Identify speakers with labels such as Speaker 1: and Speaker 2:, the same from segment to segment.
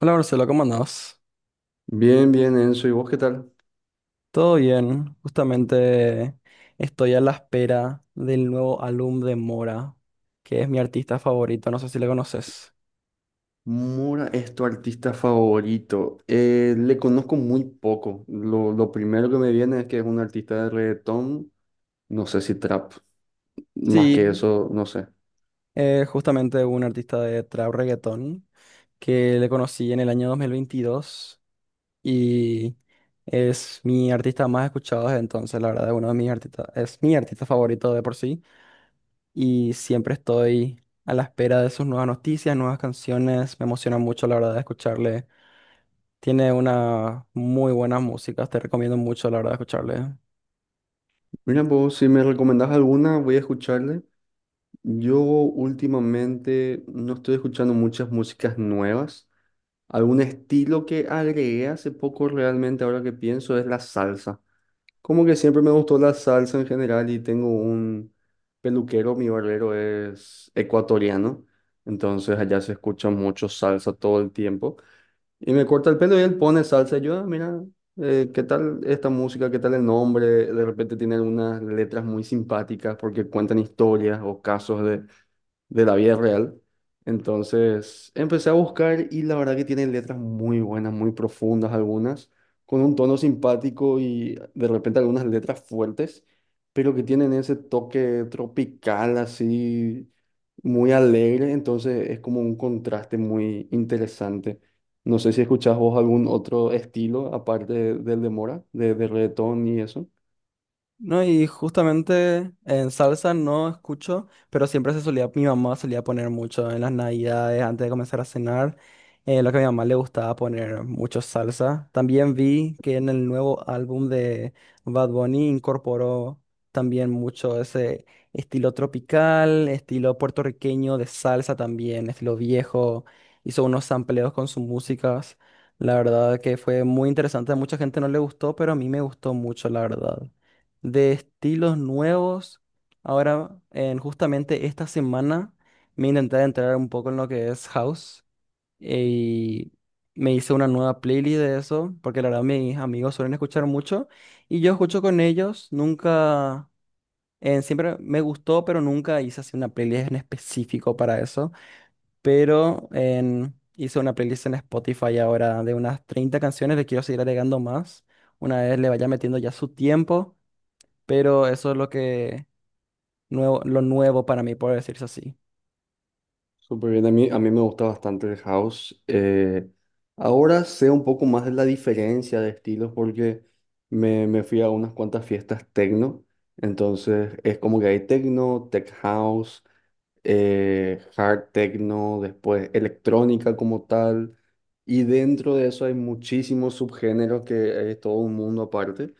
Speaker 1: Hola Marcelo, ¿cómo andás?
Speaker 2: Bien, bien, Enzo. ¿Y vos qué tal?
Speaker 1: Todo bien, justamente estoy a la espera del nuevo álbum de Mora, que es mi artista favorito, no sé si le conoces.
Speaker 2: Mora es tu artista favorito. Le conozco muy poco. Lo primero que me viene es que es un artista de reggaetón, no sé si trap. Más que
Speaker 1: Sí,
Speaker 2: eso, no sé.
Speaker 1: justamente un artista de trap reggaetón que le conocí en el año 2022 y es mi artista más escuchado desde entonces, la verdad, es uno de mis artistas, es mi artista favorito de por sí y siempre estoy a la espera de sus nuevas noticias, nuevas canciones, me emociona mucho la verdad de escucharle. Tiene una muy buena música, te recomiendo mucho la verdad escucharle.
Speaker 2: Mira, pues si me recomendás alguna, voy a escucharle. Yo últimamente no estoy escuchando muchas músicas nuevas. Algún estilo que agregué hace poco realmente, ahora que pienso, es la salsa. Como que siempre me gustó la salsa en general y tengo un peluquero, mi barbero es ecuatoriano, entonces allá se escucha mucho salsa todo el tiempo. Y me corta el pelo y él pone salsa. Y yo, "Ah, mira, ¿qué tal esta música? ¿Qué tal el nombre?". De repente tiene algunas letras muy simpáticas porque cuentan historias o casos de la vida real. Entonces empecé a buscar y la verdad que tienen letras muy buenas, muy profundas algunas, con un tono simpático y de repente algunas letras fuertes, pero que tienen ese toque tropical así, muy alegre. Entonces es como un contraste muy interesante. No sé si escuchás vos algún otro estilo aparte del de Mora, de reggaetón y eso.
Speaker 1: No, y justamente en salsa no escucho, pero siempre se solía, mi mamá solía poner mucho en las navidades antes de comenzar a cenar. Lo que a mi mamá le gustaba poner mucho salsa. También vi que en el nuevo álbum de Bad Bunny incorporó también mucho ese estilo tropical, estilo puertorriqueño de salsa también, estilo viejo. Hizo unos sampleos con sus músicas. La verdad que fue muy interesante. A mucha gente no le gustó, pero a mí me gustó mucho, la verdad de estilos nuevos. Ahora, en justamente esta semana, me intenté entrar un poco en lo que es house y me hice una nueva playlist de eso, porque la verdad mis amigos suelen escuchar mucho y yo escucho con ellos, nunca, siempre me gustó, pero nunca hice así una playlist en específico para eso, pero hice una playlist en Spotify ahora de unas 30 canciones, le quiero seguir agregando más, una vez le vaya metiendo ya su tiempo. Pero eso es lo que nuevo, lo nuevo para mí, por decirse así.
Speaker 2: Súper bien, a mí me gusta bastante el house. Ahora sé un poco más de la diferencia de estilos porque me fui a unas cuantas fiestas techno, entonces es como que hay techno, tech house, hard techno, después electrónica como tal, y dentro de eso hay muchísimos subgéneros que es todo un mundo aparte.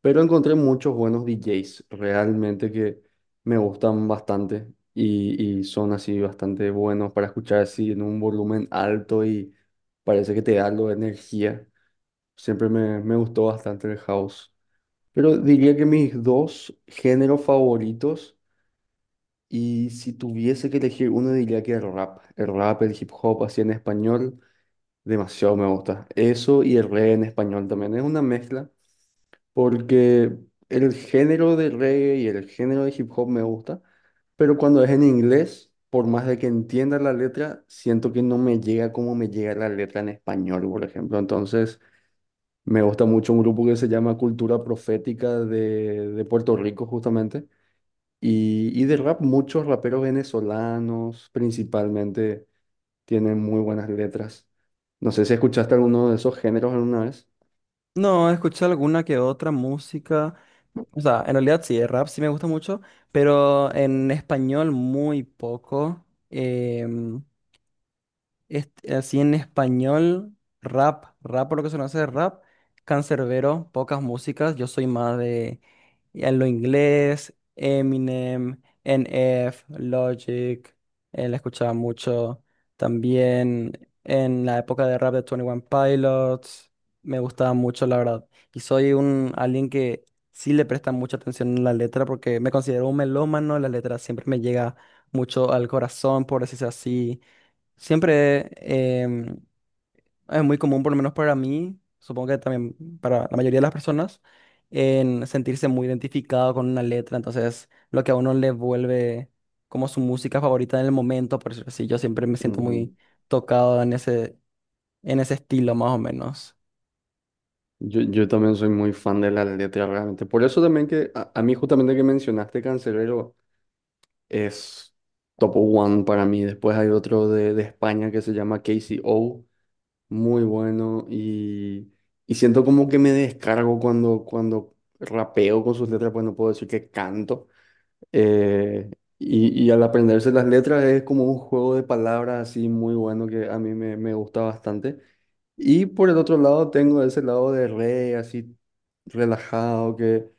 Speaker 2: Pero encontré muchos buenos DJs realmente que me gustan bastante y son así bastante buenos para escuchar así en un volumen alto y parece que te da algo de energía. Siempre me, me gustó bastante el house. Pero diría que mis dos géneros favoritos y si tuviese que elegir uno diría que el rap. El rap, el hip hop así en español, demasiado me gusta. Eso y el reggae en español también. Es una mezcla porque el género de reggae y el género de hip hop me gusta, pero cuando es en inglés, por más de que entienda la letra, siento que no me llega como me llega la letra en español, por ejemplo. Entonces, me gusta mucho un grupo que se llama Cultura Profética de Puerto Rico, justamente, y de rap, muchos raperos venezolanos, principalmente, tienen muy buenas letras. No sé si escuchaste alguno de esos géneros alguna vez.
Speaker 1: No, escuché alguna que otra música. O sea, en realidad sí, el rap sí me gusta mucho, pero en español muy poco. em, Este, así en español, rap por lo que se conoce de rap, cancerbero pocas músicas, yo soy más de en lo inglés, Eminem, NF Logic, la escuchaba mucho, también en la época de rap de Twenty One Pilots, me gustaba mucho la verdad, y soy un alguien que sí le presta mucha atención a la letra porque me considero un melómano, la letra siempre me llega mucho al corazón, por decirse así. Siempre es muy común, por lo menos para mí, supongo que también para la mayoría de las personas, en sentirse muy identificado con una letra. Entonces, lo que a uno le vuelve como su música favorita en el momento, por decirlo así, yo siempre me siento muy tocado en ese estilo, más o menos.
Speaker 2: Yo también soy muy fan de la letra realmente. Por eso también que a mí justamente que mencionaste Cancerbero es top one para mí. Después hay otro de España que se llama K C O muy bueno y siento como que me descargo cuando, cuando rapeo con sus letras, pues no puedo decir que canto, eh, y al aprenderse las letras es como un juego de palabras así muy bueno que a mí me, me gusta bastante. Y por el otro lado tengo ese lado de re, así relajado, que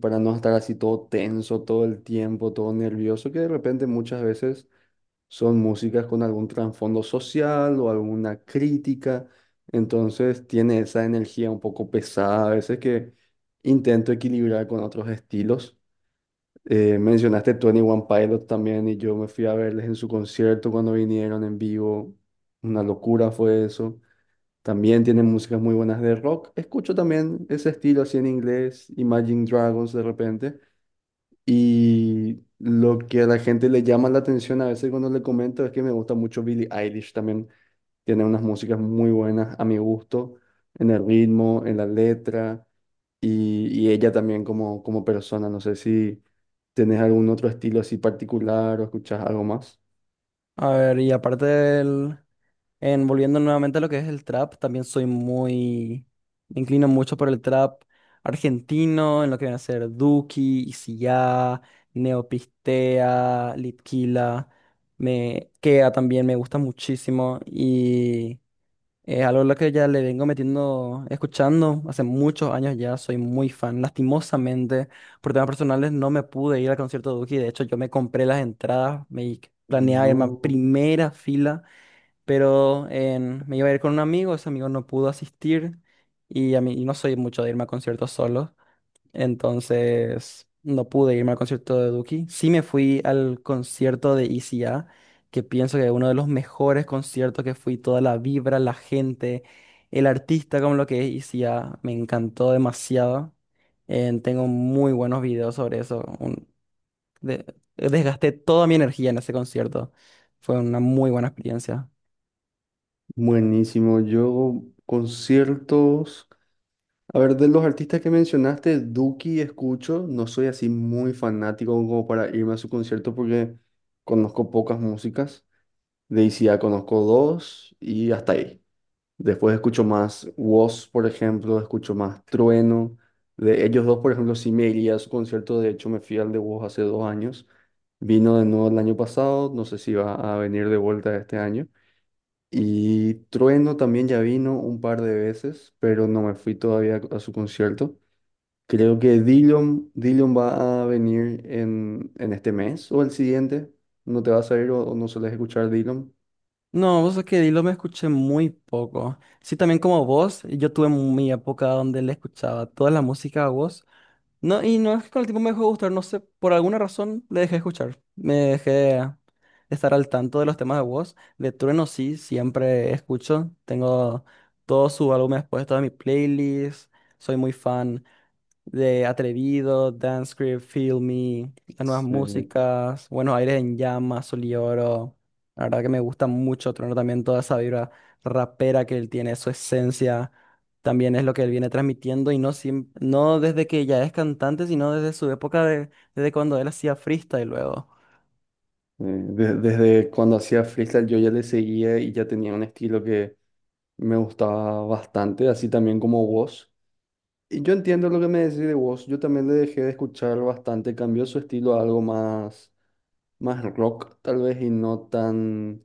Speaker 2: para no estar así todo tenso todo el tiempo, todo nervioso, que de repente muchas veces son músicas con algún trasfondo social o alguna crítica. Entonces tiene esa energía un poco pesada a veces que intento equilibrar con otros estilos. Mencionaste 21 Pilot también y yo me fui a verles en su concierto cuando vinieron en vivo. Una locura fue eso. También tienen músicas muy buenas de rock. Escucho también ese estilo así en inglés, Imagine Dragons de repente. Y lo que a la gente le llama la atención a veces cuando le comento es que me gusta mucho Billie Eilish también. Tiene unas músicas muy buenas a mi gusto, en el ritmo, en la letra y ella también como, como persona. No sé si tenés algún otro estilo así particular o escuchás algo más.
Speaker 1: A ver, y aparte del, en volviendo nuevamente a lo que es el trap, también soy muy, me inclino mucho por el trap argentino, en lo que viene a ser Duki, Isillá, Neopistea, Litquila, me Kea también me gusta muchísimo y es algo a lo que ya le vengo metiendo, escuchando hace muchos años ya, soy muy fan. Lastimosamente, por temas personales no me pude ir al concierto de Duki, de hecho yo me compré las entradas, me planeaba irme a
Speaker 2: No,
Speaker 1: primera fila pero me iba a ir con un amigo, ese amigo no pudo asistir y a mí y no soy mucho de irme a conciertos solo, entonces no pude irme al concierto de Duki. Sí me fui al concierto de ICA, que pienso que es uno de los mejores conciertos que fui, toda la vibra, la gente, el artista como lo que es ICA, me encantó demasiado. Tengo muy buenos videos sobre eso. De- Desgasté toda mi energía en ese concierto. Fue una muy buena experiencia.
Speaker 2: buenísimo. Yo conciertos, a ver, de los artistas que mencionaste, Duki escucho, no soy así muy fanático como para irme a su concierto porque conozco pocas músicas. De ICA conozco dos y hasta ahí. Después escucho más Woz, por ejemplo, escucho más Trueno. De ellos dos, por ejemplo, sí me iría a su concierto. De hecho, me fui al de Woz hace dos años. Vino de nuevo el año pasado. No sé si va a venir de vuelta este año. Y Trueno también ya vino un par de veces, pero no me fui todavía a su concierto. Creo que Dillon, Dillon va a venir en este mes o el siguiente. ¿No te vas a ir o no sueles escuchar Dillon?
Speaker 1: No, vos es que Dilo me escuché muy poco. Sí, también como vos, yo tuve mi época donde le escuchaba toda la música a vos. No, y no es que con el tiempo me dejó de gustar, no sé, por alguna razón le dejé de escuchar. Me dejé de estar al tanto de los temas de vos. De Trueno sí, siempre escucho. Tengo todo su álbum después, toda mi playlist. Soy muy fan de Atrevido, Dancecript, Feel Me, las nuevas
Speaker 2: Sí.
Speaker 1: músicas, Buenos Aires en Llamas, Sol y Oro. La verdad que me gusta mucho tener también toda esa vibra rapera que él tiene, su esencia, también es lo que él viene transmitiendo y no, no desde que ya es cantante, sino desde su época de, desde cuando él hacía freestyle luego.
Speaker 2: Desde cuando hacía freestyle yo ya le seguía y ya tenía un estilo que me gustaba bastante, así también como Woz. Y yo entiendo lo que me decís de Woz, yo también le dejé de escuchar bastante, cambió su estilo a algo más, más rock tal vez y no tan,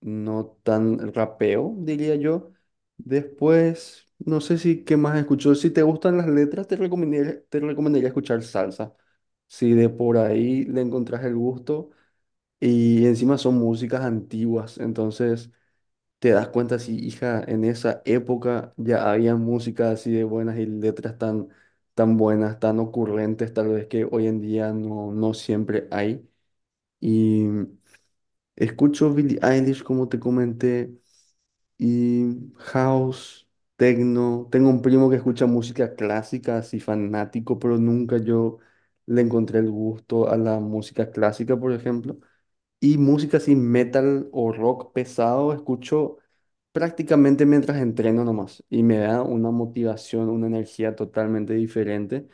Speaker 2: no tan rapeo, diría yo. Después, no sé si qué más escuchó, si te gustan las letras te recomendaría escuchar salsa, si de por ahí le encontrás el gusto. Y encima son músicas antiguas, entonces te das cuenta si, hija, en esa época ya había música así de buenas y letras tan, tan buenas, tan ocurrentes, tal vez que hoy en día no, no siempre hay. Y escucho Billie Eilish, como te comenté, y house, techno. Tengo un primo que escucha música clásica, así fanático, pero nunca yo le encontré el gusto a la música clásica, por ejemplo. Y música así, metal o rock pesado, escucho prácticamente mientras entreno nomás. Y me da una motivación, una energía totalmente diferente.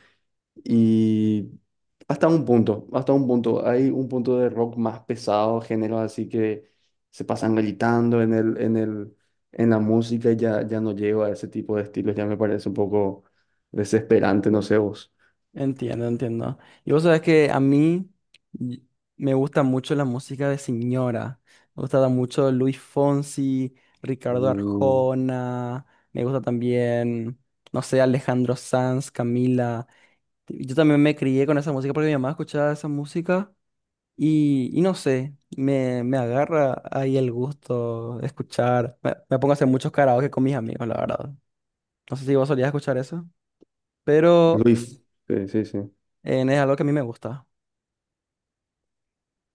Speaker 2: Y hasta un punto, hasta un punto. Hay un punto de rock más pesado, géneros así que se pasan gritando en el, en el, en la música y ya, ya no llego a ese tipo de estilos. Ya me parece un poco desesperante, no sé vos.
Speaker 1: Entiendo, entiendo. Y vos sabés que a mí y- me gusta mucho la música de señora. Me gusta mucho Luis Fonsi, Ricardo
Speaker 2: Uh,
Speaker 1: Arjona. Me gusta también, no sé, Alejandro Sanz, Camila. Y yo también me crié con esa música porque mi mamá escuchaba esa música. Y no sé, me agarra ahí el gusto de escuchar. Me pongo a hacer muchos karaoke con mis amigos, la verdad. No sé si vos solías escuchar eso, pero
Speaker 2: Luis, sí, sí, sí.
Speaker 1: es algo que a mí me gusta.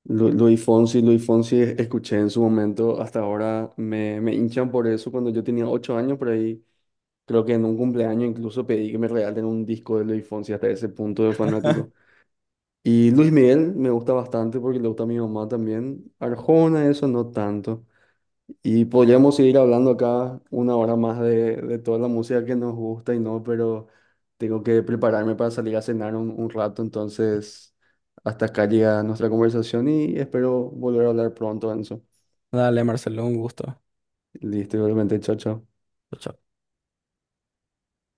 Speaker 2: Luis Fonsi, Luis Fonsi, escuché en su momento, hasta ahora me, me hinchan por eso. Cuando yo tenía 8 años, por ahí, creo que en un cumpleaños incluso pedí que me regalen un disco de Luis Fonsi, hasta ese punto de fanático. Y Luis Miguel me gusta bastante porque le gusta a mi mamá también. Arjona, eso no tanto. Y podríamos seguir hablando acá una hora más de toda la música que nos gusta y no, pero tengo que prepararme para salir a cenar un rato, entonces hasta acá llega nuestra conversación y espero volver a hablar pronto, Enzo.
Speaker 1: Dale, Marcelo, un gusto.
Speaker 2: Listo, igualmente, chao, chao.
Speaker 1: Chao.